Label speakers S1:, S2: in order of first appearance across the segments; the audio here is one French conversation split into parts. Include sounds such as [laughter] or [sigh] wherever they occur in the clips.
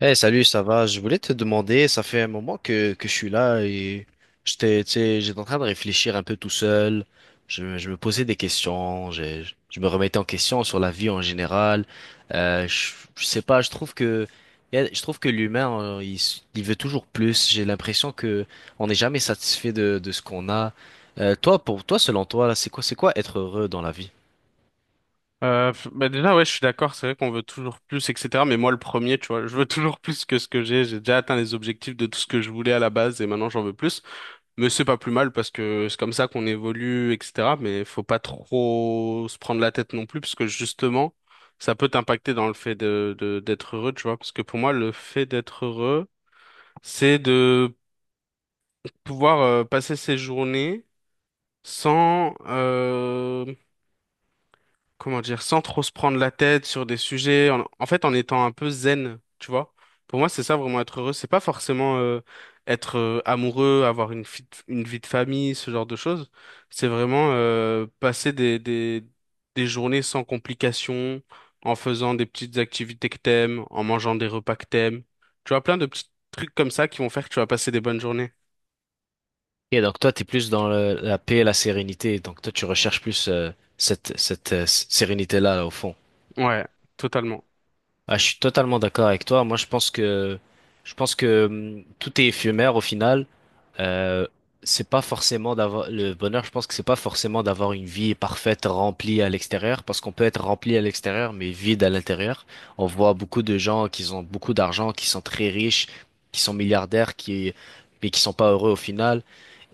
S1: Hey, salut, ça va? Je voulais te demander, ça fait un moment que je suis là et j'étais, tu sais, j'étais en train de réfléchir un peu tout seul. Je me posais des questions, je me remettais en question sur la vie en général. Euh, je, je sais pas, je trouve je trouve que l'humain, il veut toujours plus. J'ai l'impression que on n'est jamais satisfait de ce qu'on a. Toi, pour toi, selon toi, là, c'est quoi être heureux dans la vie?
S2: Bah déjà, ouais, je suis d'accord, c'est vrai qu'on veut toujours plus, etc. Mais moi, le premier, tu vois, je veux [laughs] toujours plus que ce que j'ai. J'ai déjà atteint les objectifs de tout ce que je voulais à la base et maintenant j'en veux plus. Mais c'est pas plus mal parce que c'est comme ça qu'on évolue, etc. Mais faut pas trop se prendre la tête non plus parce que justement, ça peut t'impacter dans le fait d'être heureux, tu vois. Parce que pour moi, le fait d'être heureux, c'est de pouvoir passer ses journées sans, comment dire, sans trop se prendre la tête sur des sujets, en fait, en étant un peu zen, tu vois. Pour moi, c'est ça vraiment être heureux. C'est pas forcément être amoureux, avoir une vie de famille, ce genre de choses. C'est vraiment passer des journées sans complications, en faisant des petites activités que t'aimes, en mangeant des repas que t'aimes. Tu vois, plein de petits trucs comme ça qui vont faire que tu vas passer des bonnes journées.
S1: Et donc toi, t'es plus dans la paix et la sérénité. Donc toi, tu recherches plus cette sérénité-là, là, au fond.
S2: Ouais, totalement.
S1: Ah, je suis totalement d'accord avec toi. Moi, je pense que tout est éphémère au final. Euh, c'est pas forcément d'avoir le bonheur. Je pense que c'est pas forcément d'avoir une vie parfaite remplie à l'extérieur, parce qu'on peut être rempli à l'extérieur mais vide à l'intérieur. On voit beaucoup de gens qui ont beaucoup d'argent, qui sont très riches, qui sont milliardaires, qui mais qui sont pas heureux au final.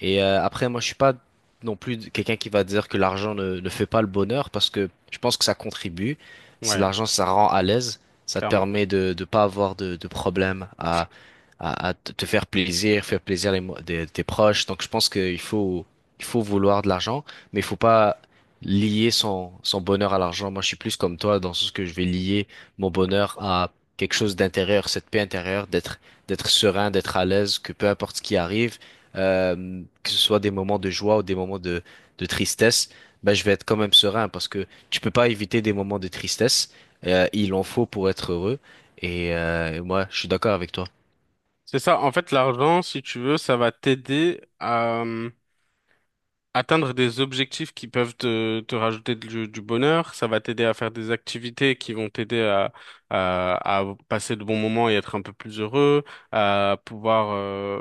S1: Et après, moi, je suis pas non plus quelqu'un qui va dire que l'argent ne fait pas le bonheur, parce que je pense que ça contribue. C'est
S2: Ouais,
S1: l'argent, ça rend à l'aise. Ça te
S2: clairement.
S1: permet de ne pas avoir de problème à te faire plaisir tes proches. Donc je pense il faut vouloir de l'argent, mais il faut pas lier son bonheur à l'argent. Moi, je suis plus comme toi dans ce sens que je vais lier mon bonheur à quelque chose d'intérieur, cette paix intérieure, d'être serein, d'être à l'aise, que peu importe ce qui arrive, que ce soit des moments de joie ou des moments de tristesse, ben, je vais être quand même serein parce que tu peux pas éviter des moments de tristesse. Il en faut pour être heureux. Et moi, je suis d'accord avec toi.
S2: C'est ça, en fait, l'argent, si tu veux, ça va t'aider à atteindre des objectifs qui peuvent te rajouter du bonheur, ça va t'aider à faire des activités qui vont t'aider à passer de bons moments et être un peu plus heureux, à pouvoir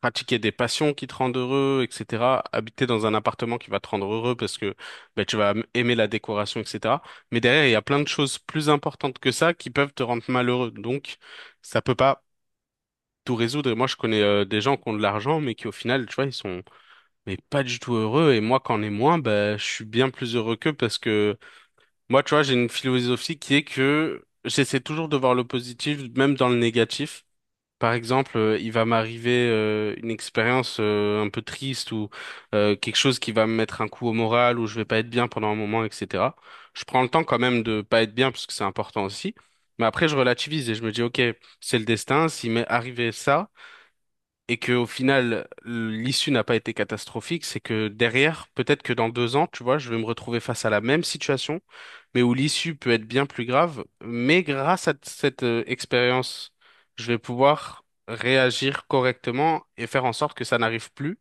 S2: pratiquer des passions qui te rendent heureux, etc. Habiter dans un appartement qui va te rendre heureux parce que ben, tu vas aimer la décoration, etc. Mais derrière, il y a plein de choses plus importantes que ça qui peuvent te rendre malheureux. Donc, ça peut pas tout résoudre. Et moi, je connais des gens qui ont de l'argent, mais qui au final, tu vois, ils sont mais pas du tout heureux. Et moi, quand on est moins, bah, je suis bien plus heureux qu'eux parce que moi, tu vois, j'ai une philosophie qui est que j'essaie toujours de voir le positif, même dans le négatif. Par exemple, il va m'arriver une expérience un peu triste ou quelque chose qui va me mettre un coup au moral ou je vais pas être bien pendant un moment, etc. Je prends le temps quand même de pas être bien parce que c'est important aussi. Mais après, je relativise et je me dis, OK, c'est le destin. S'il m'est arrivé ça, et que au final l'issue n'a pas été catastrophique, c'est que derrière, peut-être que dans 2 ans, tu vois, je vais me retrouver face à la même situation, mais où l'issue peut être bien plus grave, mais grâce à cette expérience, je vais pouvoir réagir correctement et faire en sorte que ça n'arrive plus.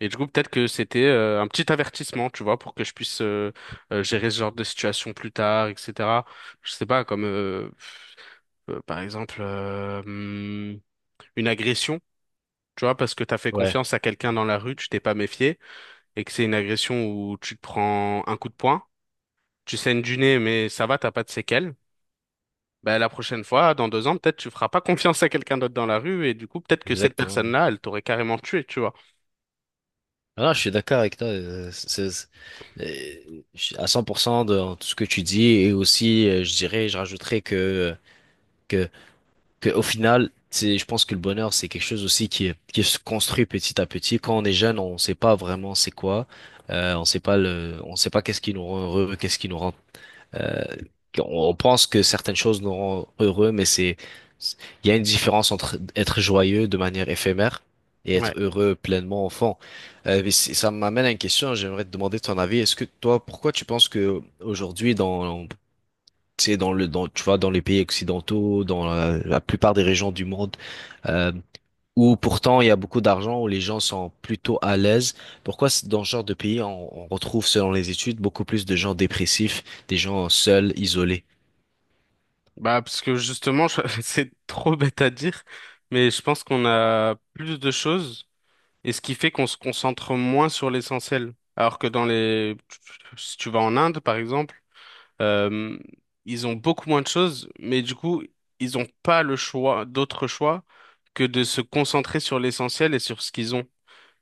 S2: Et du coup, peut-être que c'était un petit avertissement, tu vois, pour que je puisse gérer ce genre de situation plus tard, etc. Je sais pas, comme par exemple une agression. Tu vois, parce que t'as fait
S1: Ouais,
S2: confiance à quelqu'un dans la rue, tu t'es pas méfié, et que c'est une agression où tu te prends un coup de poing, tu saignes du nez, mais ça va, t'as pas de séquelles. Bah, la prochaine fois, dans 2 ans, peut-être tu feras pas confiance à quelqu'un d'autre dans la rue, et du coup, peut-être que cette
S1: exactement.
S2: personne-là, elle t'aurait carrément tué, tu vois.
S1: Ah, je suis d'accord avec toi. Je suis à 100% de en tout ce que tu dis. Et aussi, je dirais, je rajouterais que, que au final, c'est, je pense que le bonheur, c'est quelque chose aussi qui se construit petit à petit. Quand on est jeune, on sait pas vraiment c'est quoi. On sait pas le, on sait pas qu'est-ce qui nous rend heureux, qu'est-ce qui nous rend… Euh, on pense que certaines choses nous rendent heureux, il y a une différence entre être joyeux de manière éphémère et
S2: Ouais.
S1: être heureux pleinement au fond. Ça m'amène à une question, hein. J'aimerais te demander ton avis. Pourquoi tu penses que aujourd'hui, tu sais, tu vois, dans les pays occidentaux, dans la plupart des régions du monde, euh, où pourtant il y a beaucoup d'argent, où les gens sont plutôt à l'aise. Dans ce genre de pays, on retrouve, selon les études, beaucoup plus de gens dépressifs, des gens seuls, isolés?
S2: Bah, parce que justement, [laughs] c'est trop bête à dire, mais je pense qu'on a plus de choses, et ce qui fait qu'on se concentre moins sur l'essentiel. Alors que si tu vas en Inde, par exemple, Euh, ils ont beaucoup moins de choses, mais du coup, ils n'ont pas le choix, d'autre choix que de se concentrer sur l'essentiel et sur ce qu'ils ont.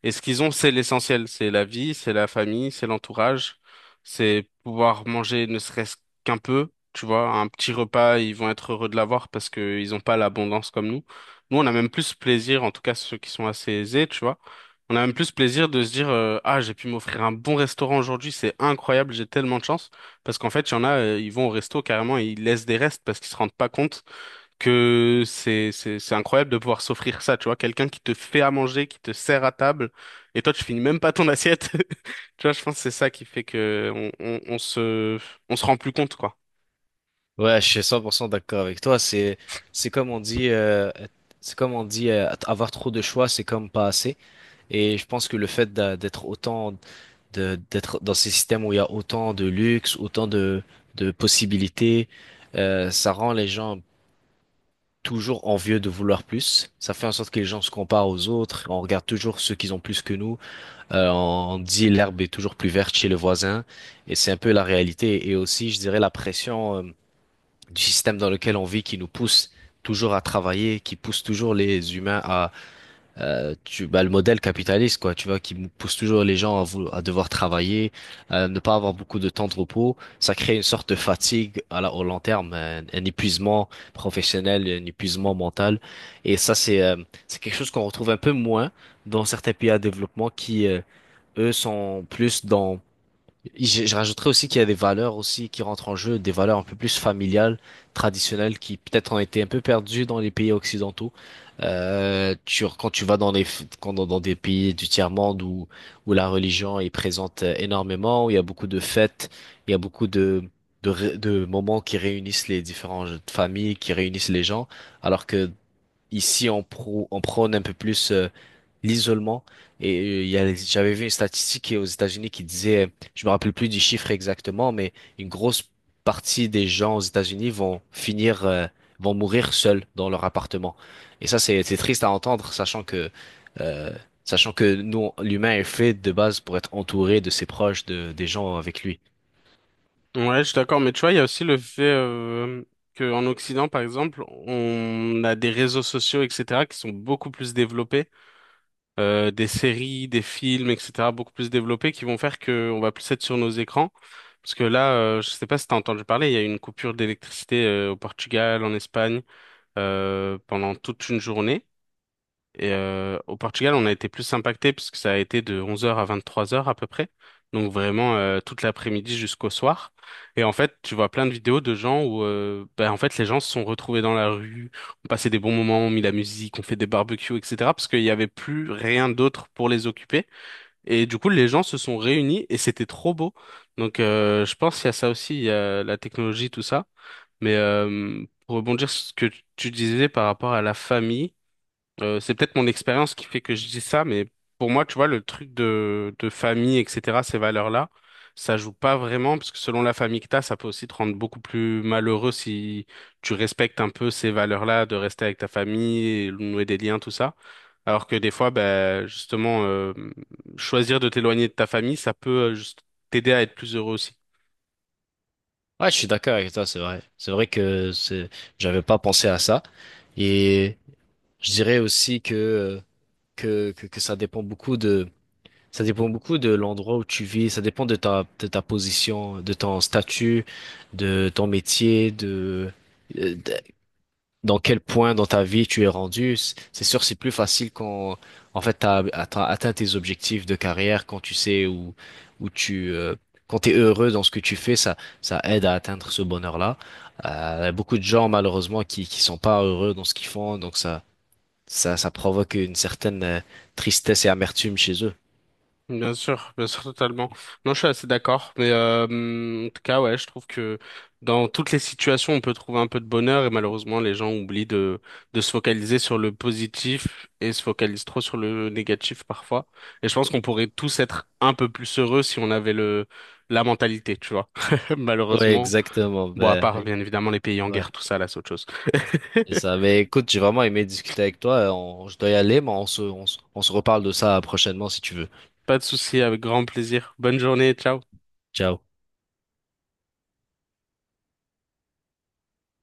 S2: Et ce qu'ils ont, c'est l'essentiel. C'est la vie, c'est la famille, c'est l'entourage, c'est pouvoir manger ne serait-ce qu'un peu. Tu vois, un petit repas, ils vont être heureux de l'avoir parce qu'ils n'ont pas l'abondance comme nous. Nous, on a même plus plaisir, en tout cas ceux qui sont assez aisés, tu vois. On a même plus plaisir de se dire, ah, j'ai pu m'offrir un bon restaurant aujourd'hui, c'est incroyable, j'ai tellement de chance. Parce qu'en fait, il y en a, ils vont au resto carrément et ils laissent des restes parce qu'ils se rendent pas compte que c'est incroyable de pouvoir s'offrir ça, tu vois, quelqu'un qui te fait à manger, qui te sert à table, et toi tu finis même pas ton assiette. [laughs] Tu vois, je pense que c'est ça qui fait que on se rend plus compte, quoi.
S1: Ouais, je suis 100% d'accord avec toi. C'est comme on dit, c'est comme on dit, avoir trop de choix, c'est comme pas assez. Et je pense que le fait d'être autant, d'être dans ces systèmes où il y a autant de luxe, autant de possibilités, ça rend les gens toujours envieux de vouloir plus. Ça fait en sorte que les gens se comparent aux autres. On regarde toujours ceux qui ont plus que nous. On dit l'herbe est toujours plus verte chez le voisin. Et c'est un peu la réalité. Et aussi, je dirais, la pression, du système dans lequel on vit qui nous pousse toujours à travailler, qui pousse toujours les humains à… tu bah, le modèle capitaliste quoi, tu vois, qui pousse toujours les gens à, à devoir travailler, à ne pas avoir beaucoup de temps de repos. Ça crée une sorte de fatigue à au long terme, un épuisement professionnel, un épuisement mental. Et ça, c'est quelque chose qu'on retrouve un peu moins dans certains pays à développement qui eux sont plus dans… je rajouterais aussi qu'il y a des valeurs aussi qui rentrent en jeu, des valeurs un peu plus familiales, traditionnelles, qui peut-être ont été un peu perdues dans les pays occidentaux. Quand tu vas dans les, dans des pays du tiers-monde où, où la religion est présente énormément, où il y a beaucoup de fêtes, il y a beaucoup de moments qui réunissent les différentes familles, qui réunissent les gens, alors que ici on prône un peu plus l'isolement. Et j'avais vu une statistique aux États-Unis qui disait, je me rappelle plus du chiffre exactement, mais une grosse partie des gens aux États-Unis vont finir, vont mourir seuls dans leur appartement. Et ça, c'est triste à entendre, euh, sachant que nous, l'humain est fait de base pour être entouré de ses proches, de des gens avec lui.
S2: Ouais, je suis d'accord, mais tu vois, il y a aussi le fait qu'en Occident, par exemple, on a des réseaux sociaux, etc., qui sont beaucoup plus développés des séries, des films, etc., beaucoup plus développés qui vont faire que on va plus être sur nos écrans. Parce que là, je sais pas si t'as entendu parler, il y a eu une coupure d'électricité au Portugal, en Espagne, pendant toute une journée. Et au Portugal, on a été plus impacté puisque ça a été de 11 h à 23 h à peu près. Donc vraiment toute l'après-midi jusqu'au soir. Et en fait, tu vois plein de vidéos de gens où ben, en fait les gens se sont retrouvés dans la rue, ont passé des bons moments, ont mis la musique, ont fait des barbecues, etc. Parce qu'il n'y avait plus rien d'autre pour les occuper. Et du coup, les gens se sont réunis et c'était trop beau. Donc je pense qu'il y a ça aussi, il y a la technologie, tout ça. Mais pour rebondir sur ce que tu disais par rapport à la famille. C'est peut-être mon expérience qui fait que je dis ça, mais pour moi, tu vois, le truc de famille, etc., ces valeurs-là, ça joue pas vraiment, parce que selon la famille que t'as, ça peut aussi te rendre beaucoup plus malheureux si tu respectes un peu ces valeurs-là, de rester avec ta famille, et nouer des liens, tout ça. Alors que des fois, ben, justement, choisir de t'éloigner de ta famille, ça peut juste t'aider à être plus heureux aussi.
S1: Ouais, je suis d'accord avec toi, c'est vrai. J'avais pas pensé à ça. Et je dirais aussi que que ça dépend beaucoup de, ça dépend beaucoup de l'endroit où tu vis, ça dépend de de ta position, de ton statut, de ton métier, euh, de- dans quel point dans ta vie tu es rendu. C'est sûr, c'est plus facile quand, en fait, t'as atteint tes objectifs de carrière, quand tu sais où, où tu, euh, quand t'es heureux dans ce que tu fais, ça aide à atteindre ce bonheur-là. Beaucoup de gens, malheureusement, qui sont pas heureux dans ce qu'ils font, donc ça provoque une certaine tristesse et amertume chez eux.
S2: Bien sûr, totalement. Non, je suis assez d'accord. Mais en tout cas, ouais, je trouve que dans toutes les situations, on peut trouver un peu de bonheur et malheureusement, les gens oublient de se focaliser sur le positif et se focalisent trop sur le négatif parfois. Et je pense qu'on pourrait tous être un peu plus heureux si on avait le la mentalité, tu vois. [laughs]
S1: Ouais,
S2: Malheureusement,
S1: exactement.
S2: bon, à part
S1: Ben,
S2: bien évidemment les pays en
S1: ouais,
S2: guerre, tout ça, là, c'est autre chose.
S1: c'est ça.
S2: [laughs]
S1: Mais écoute, j'ai vraiment aimé discuter avec toi. Je dois y aller, mais on se reparle de ça prochainement si tu veux.
S2: Pas de souci, avec grand plaisir. Bonne journée, ciao.
S1: Ciao.